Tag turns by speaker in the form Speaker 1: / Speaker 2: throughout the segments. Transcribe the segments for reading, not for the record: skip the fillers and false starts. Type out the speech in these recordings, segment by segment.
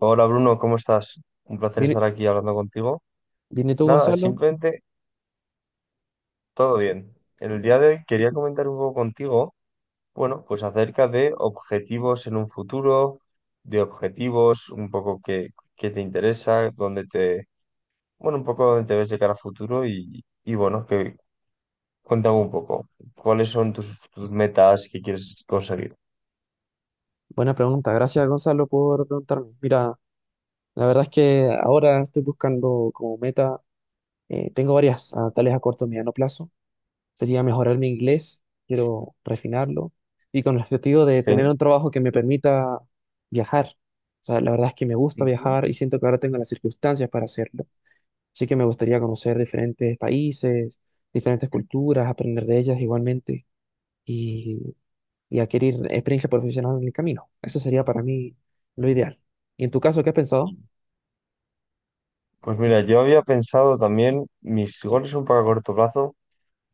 Speaker 1: Hola Bruno, ¿cómo estás? Un placer estar
Speaker 2: Bien,
Speaker 1: aquí hablando contigo.
Speaker 2: bien, ¿y tú,
Speaker 1: Nada,
Speaker 2: Gonzalo?
Speaker 1: simplemente todo bien. El día de hoy quería comentar un poco contigo, bueno, pues acerca de objetivos en un futuro, de objetivos, un poco que, te interesa, dónde te, bueno, un poco dónde te ves de cara a futuro y bueno, que cuéntame un poco, ¿cuáles son tus metas que quieres conseguir?
Speaker 2: Buena pregunta. Gracias, Gonzalo, por preguntarme. Mira, la verdad es que ahora estoy buscando como meta, tengo varias, tales a corto y mediano plazo. Sería mejorar mi inglés, quiero refinarlo y con el objetivo de tener
Speaker 1: Sí.
Speaker 2: un trabajo que me permita viajar. O sea, la verdad es que me gusta
Speaker 1: Ujú.
Speaker 2: viajar y siento que ahora tengo las circunstancias para hacerlo. Así que me gustaría conocer diferentes países, diferentes culturas, aprender de ellas igualmente. Y adquirir experiencia profesional en el camino. Eso sería para mí lo ideal. ¿Y en tu caso, qué has pensado?
Speaker 1: Pues mira, yo había pensado también, mis goles son para corto plazo,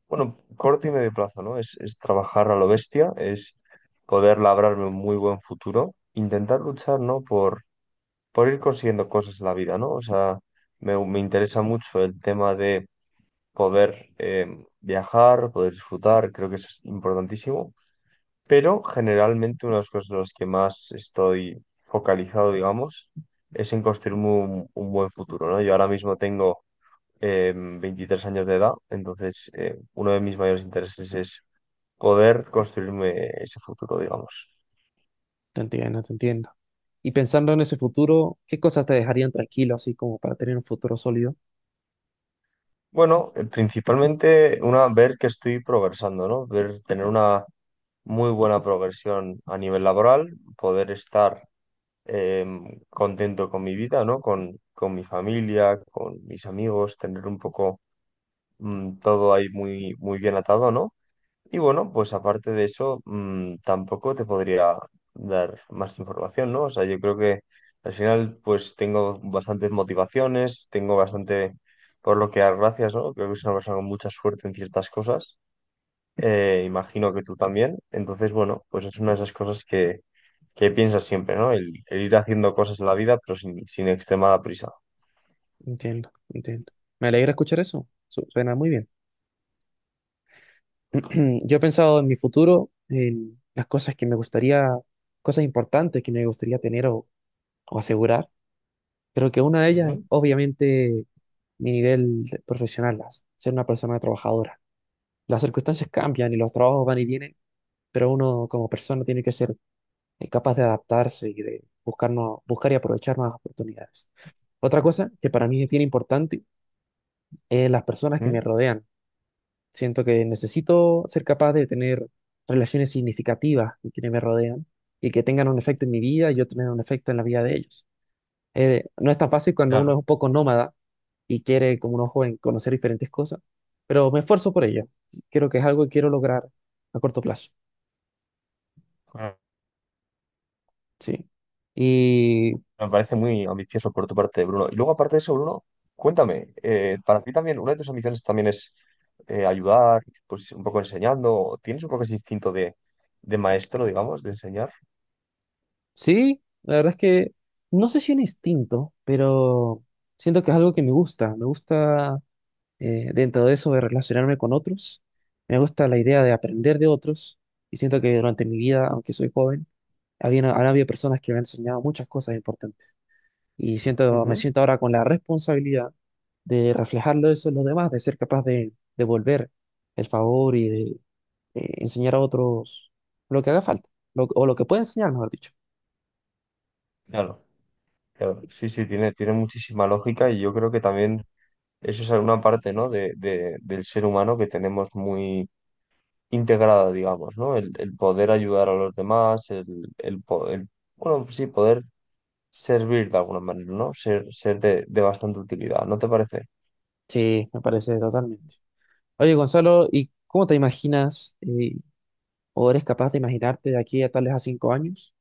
Speaker 1: bueno, corto y medio plazo, ¿no? Es trabajar a lo bestia, es poder labrarme un muy buen futuro, intentar luchar, ¿no? Por ir consiguiendo cosas en la vida, ¿no? O sea, me interesa mucho el tema de poder viajar, poder disfrutar, creo que eso es importantísimo, pero generalmente una de las cosas en las que más estoy focalizado, digamos, es en construir un buen futuro, ¿no? Yo ahora mismo tengo 23 años de edad, entonces uno de mis mayores intereses es poder construirme ese futuro, digamos.
Speaker 2: Te entiendo, te entiendo. Y pensando en ese futuro, ¿qué cosas te dejarían tranquilo, así como para tener un futuro sólido?
Speaker 1: Bueno, principalmente una, ver que estoy progresando, ¿no? Ver, tener una muy buena progresión a nivel laboral, poder estar contento con mi vida, ¿no? Con mi familia, con mis amigos, tener un poco todo ahí muy, muy bien atado, ¿no? Y bueno, pues aparte de eso, tampoco te podría dar más información, ¿no? O sea, yo creo que al final, pues tengo bastantes motivaciones, tengo bastante por lo que dar gracias, ¿no? Creo que soy una persona con mucha suerte en ciertas cosas. Imagino que tú también. Entonces, bueno, pues es una de esas cosas que piensas siempre, ¿no? El ir haciendo cosas en la vida, pero sin extremada prisa.
Speaker 2: Entiendo, entiendo. Me alegra escuchar eso. Suena muy bien. Yo he pensado en mi futuro, en las cosas que me gustaría, cosas importantes que me gustaría tener o, asegurar. Creo que una de ellas es
Speaker 1: Ujú.
Speaker 2: obviamente mi nivel profesional, ser una persona trabajadora. Las circunstancias cambian y los trabajos van y vienen, pero uno como persona tiene que ser capaz de adaptarse y de buscar, buscar y aprovechar nuevas oportunidades. Otra cosa que para mí es bien importante es las personas que me
Speaker 1: ¿Mm?
Speaker 2: rodean. Siento que necesito ser capaz de tener relaciones significativas con quienes me rodean y que tengan un efecto en mi vida y yo tener un efecto en la vida de ellos. No es tan fácil cuando uno es un poco nómada y quiere, como un joven, conocer diferentes cosas, pero me esfuerzo por ello. Creo que es algo que quiero lograr a corto plazo,
Speaker 1: Claro.
Speaker 2: sí. Y
Speaker 1: Me parece muy ambicioso por tu parte, Bruno. Y luego, aparte de eso, Bruno, cuéntame, para ti también, una de tus ambiciones también es ayudar, pues un poco enseñando. ¿Tienes un poco ese instinto de maestro, digamos, de enseñar?
Speaker 2: Sí, la verdad es que no sé si un instinto, pero siento que es algo que me gusta. Me gusta dentro de eso de relacionarme con otros. Me gusta la idea de aprender de otros. Y siento que durante mi vida, aunque soy joven, han habido personas que me han enseñado muchas cosas importantes. Y siento, me
Speaker 1: Ujú.
Speaker 2: siento ahora con la responsabilidad de reflejarlo eso en los demás, de ser capaz de devolver el favor y de enseñar a otros lo que haga falta, o lo que pueda enseñar, mejor dicho.
Speaker 1: Claro, claro. Sí, sí, tiene muchísima lógica y yo creo que también eso es una parte, ¿no? Del ser humano que tenemos muy integrada, digamos, ¿no? El poder ayudar a los demás, bueno, sí, poder servir de alguna manera, ¿no? Ser de bastante utilidad, ¿no te parece?
Speaker 2: Sí, me parece totalmente. Oye, Gonzalo, ¿y cómo te imaginas o eres capaz de imaginarte de aquí a tal vez a 5 años?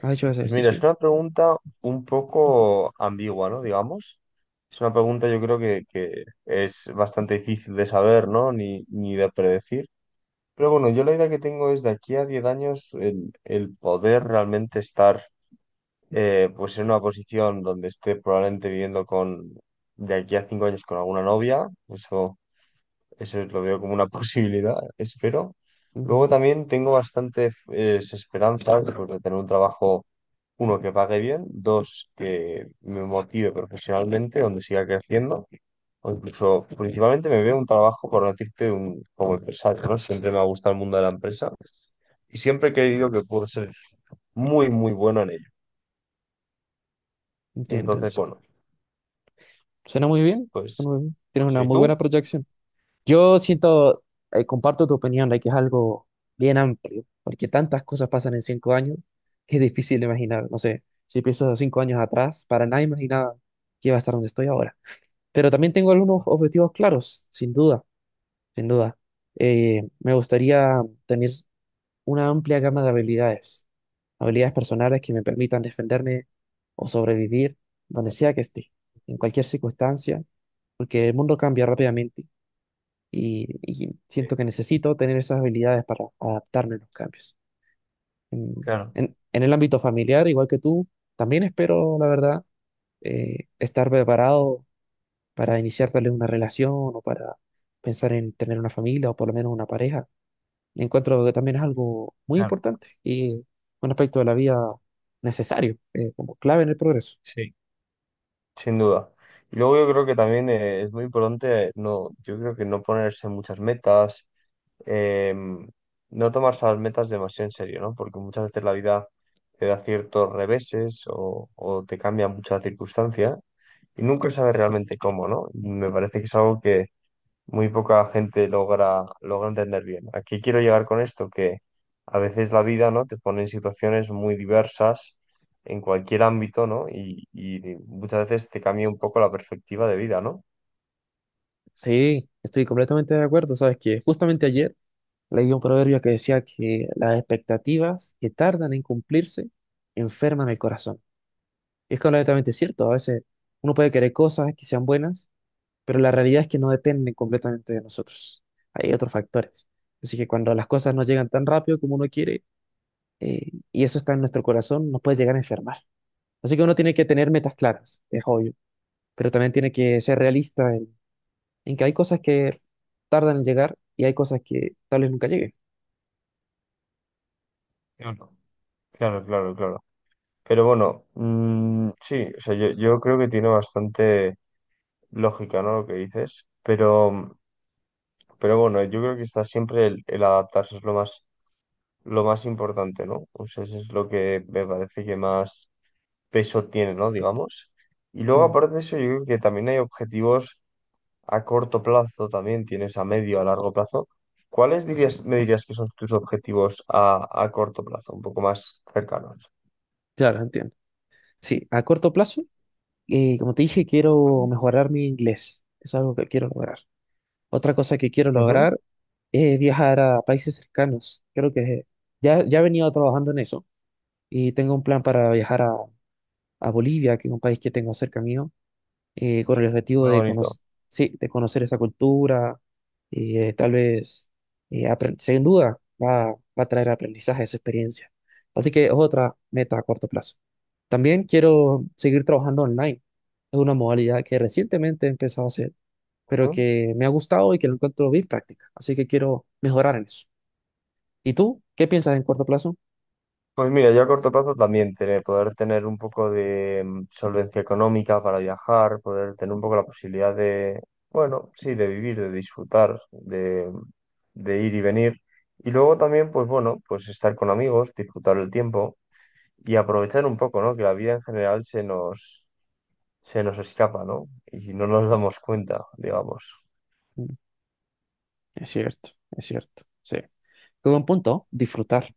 Speaker 2: ¿Has hecho ese
Speaker 1: Pues mira, es
Speaker 2: ejercicio?
Speaker 1: una pregunta un poco ambigua, ¿no? Digamos. Es una pregunta yo creo que es bastante difícil de saber, ¿no? Ni de predecir. Pero bueno, yo la idea que tengo es de aquí a 10 años el poder realmente estar pues en una posición donde esté probablemente viviendo con, de aquí a 5 años con alguna novia. Eso lo veo como una posibilidad, espero.
Speaker 2: Ujú.
Speaker 1: Luego también tengo bastantes esperanzas pues, de tener un trabajo, uno, que pague bien, dos, que me motive profesionalmente, donde siga creciendo, o incluso principalmente me veo un trabajo, por no decirte, un, como empresario, ¿no? Siempre me ha gustado el mundo de la empresa y siempre he creído que puedo ser muy, muy bueno en ello.
Speaker 2: Entiendo.
Speaker 1: Entonces, bueno,
Speaker 2: Suena muy bien,
Speaker 1: pues,
Speaker 2: suena muy bien. Tienes
Speaker 1: pues
Speaker 2: una
Speaker 1: ¿y
Speaker 2: muy
Speaker 1: tú?
Speaker 2: buena proyección. Yo siento, comparto tu opinión de que es algo bien amplio, porque tantas cosas pasan en 5 años que es difícil de imaginar. No sé, si pienso 5 años atrás, para nada imaginaba que iba a estar donde estoy ahora. Pero también tengo algunos objetivos claros, sin duda, sin duda. Me gustaría tener una amplia gama de habilidades, habilidades personales que me permitan defenderme o sobrevivir donde sea que esté, en cualquier circunstancia, porque el mundo cambia rápidamente y siento que necesito tener esas habilidades para adaptarme a los cambios.
Speaker 1: Claro,
Speaker 2: En el ámbito familiar, igual que tú, también espero, la verdad, estar preparado para iniciar tal vez una relación o para pensar en tener una familia o por lo menos una pareja. Encuentro que también es algo muy
Speaker 1: claro.
Speaker 2: importante y un aspecto de la vida necesario, como clave en el progreso.
Speaker 1: Sí. Sin duda. Y luego yo creo que también es muy importante no, yo creo que no ponerse muchas metas, em, no tomarse las metas demasiado en serio, ¿no? Porque muchas veces la vida te da ciertos reveses o te cambia mucho la circunstancia y nunca sabes realmente cómo, ¿no? Y me parece que es algo que muy poca gente logra entender bien. ¿A qué quiero llegar con esto? Que a veces la vida, ¿no? te pone en situaciones muy diversas en cualquier ámbito, ¿no? Y muchas veces te cambia un poco la perspectiva de vida, ¿no?
Speaker 2: Sí, estoy completamente de acuerdo. Sabes que justamente ayer leí un proverbio que decía que las expectativas que tardan en cumplirse enferman el corazón. Y es completamente cierto. A veces uno puede querer cosas que sean buenas, pero la realidad es que no dependen completamente de nosotros. Hay otros factores. Así que cuando las cosas no llegan tan rápido como uno quiere, y eso está en nuestro corazón, nos puede llegar a enfermar. Así que uno tiene que tener metas claras, es obvio, pero también tiene que ser realista en, que hay cosas que tardan en llegar y hay cosas que tal vez nunca lleguen.
Speaker 1: Claro. Claro, claro, claro. Pero bueno, mm, sí, o sea, yo creo que tiene bastante lógica, ¿no? Lo que dices, pero bueno, yo creo que está siempre el adaptarse es lo más, importante, ¿no? O sea, eso es lo que me parece que más peso tiene, ¿no? Digamos. Y luego,
Speaker 2: Mm,
Speaker 1: aparte de eso, yo creo que también hay objetivos a corto plazo, también tienes a medio, a largo plazo. ¿Cuáles me dirías que son tus objetivos a corto plazo, un poco más cercanos?
Speaker 2: claro, entiendo. Sí, a corto plazo, como te dije, quiero
Speaker 1: Ujú,
Speaker 2: mejorar mi inglés. Es algo que quiero lograr. Otra cosa que quiero
Speaker 1: ujú.
Speaker 2: lograr es viajar a países cercanos. Creo que ya, ya he venido trabajando en eso y tengo un plan para viajar a Bolivia, que es un país que tengo cerca mío con el objetivo
Speaker 1: Muy
Speaker 2: de,
Speaker 1: bonito.
Speaker 2: sí, de conocer esa cultura, y tal vez, sin duda, va a traer aprendizaje esa experiencia. Así que es otra meta a corto plazo. También quiero seguir trabajando online. Es una modalidad que recientemente he empezado a hacer, pero que me ha gustado y que lo encuentro bien práctica. Así que quiero mejorar en eso. ¿Y tú? ¿Qué piensas en corto plazo?
Speaker 1: Pues mira, yo a corto plazo también poder tener un poco de solvencia económica para viajar, poder tener un poco la posibilidad de, bueno, sí, de vivir, de disfrutar, de ir y venir. Y luego también, pues bueno, pues estar con amigos, disfrutar el tiempo y aprovechar un poco, ¿no? Que la vida en general se nos escapa, ¿no? Y si no nos damos cuenta, digamos.
Speaker 2: Mm. Es cierto, es cierto. Sí. Qué buen punto, disfrutar.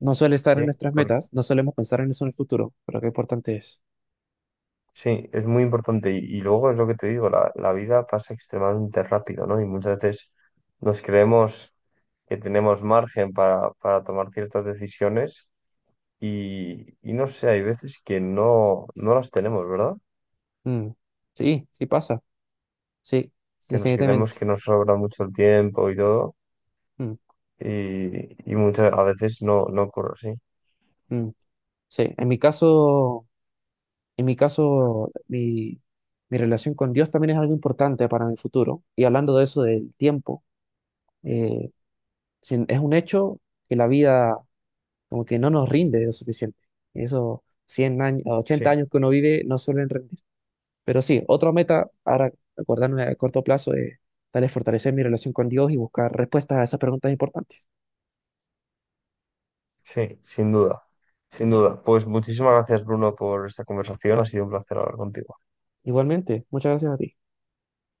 Speaker 2: No suele estar
Speaker 1: Sí,
Speaker 2: en nuestras
Speaker 1: porque
Speaker 2: metas, no solemos pensar en eso en el futuro, pero qué importante es.
Speaker 1: Sí, es muy importante. Y luego es lo que te digo, la vida pasa extremadamente rápido, ¿no? Y muchas veces nos creemos que tenemos margen para tomar ciertas decisiones y no sé, hay veces que no las tenemos, ¿verdad?
Speaker 2: Mm. Sí, sí pasa, sí, sí,
Speaker 1: Que nos creemos
Speaker 2: definitivamente.
Speaker 1: que nos sobra mucho el tiempo y todo
Speaker 2: Mm,
Speaker 1: y muchas a veces no ocurre así.
Speaker 2: mm. Sí, en mi caso, mi relación con Dios también es algo importante para mi futuro. Y hablando de eso del tiempo, eh, es un hecho que la vida como que no nos rinde lo suficiente. Eso, 100 años, ochenta
Speaker 1: Sí,
Speaker 2: años que uno vive no suelen rendir. Pero sí, otra meta, ahora acordarme a corto plazo, es tal es fortalecer mi relación con Dios y buscar respuestas a esas preguntas importantes.
Speaker 1: sí, sin duda, sin duda. Pues muchísimas gracias, Bruno, por esta conversación. Ha sido un placer hablar contigo.
Speaker 2: Igualmente, muchas gracias a ti.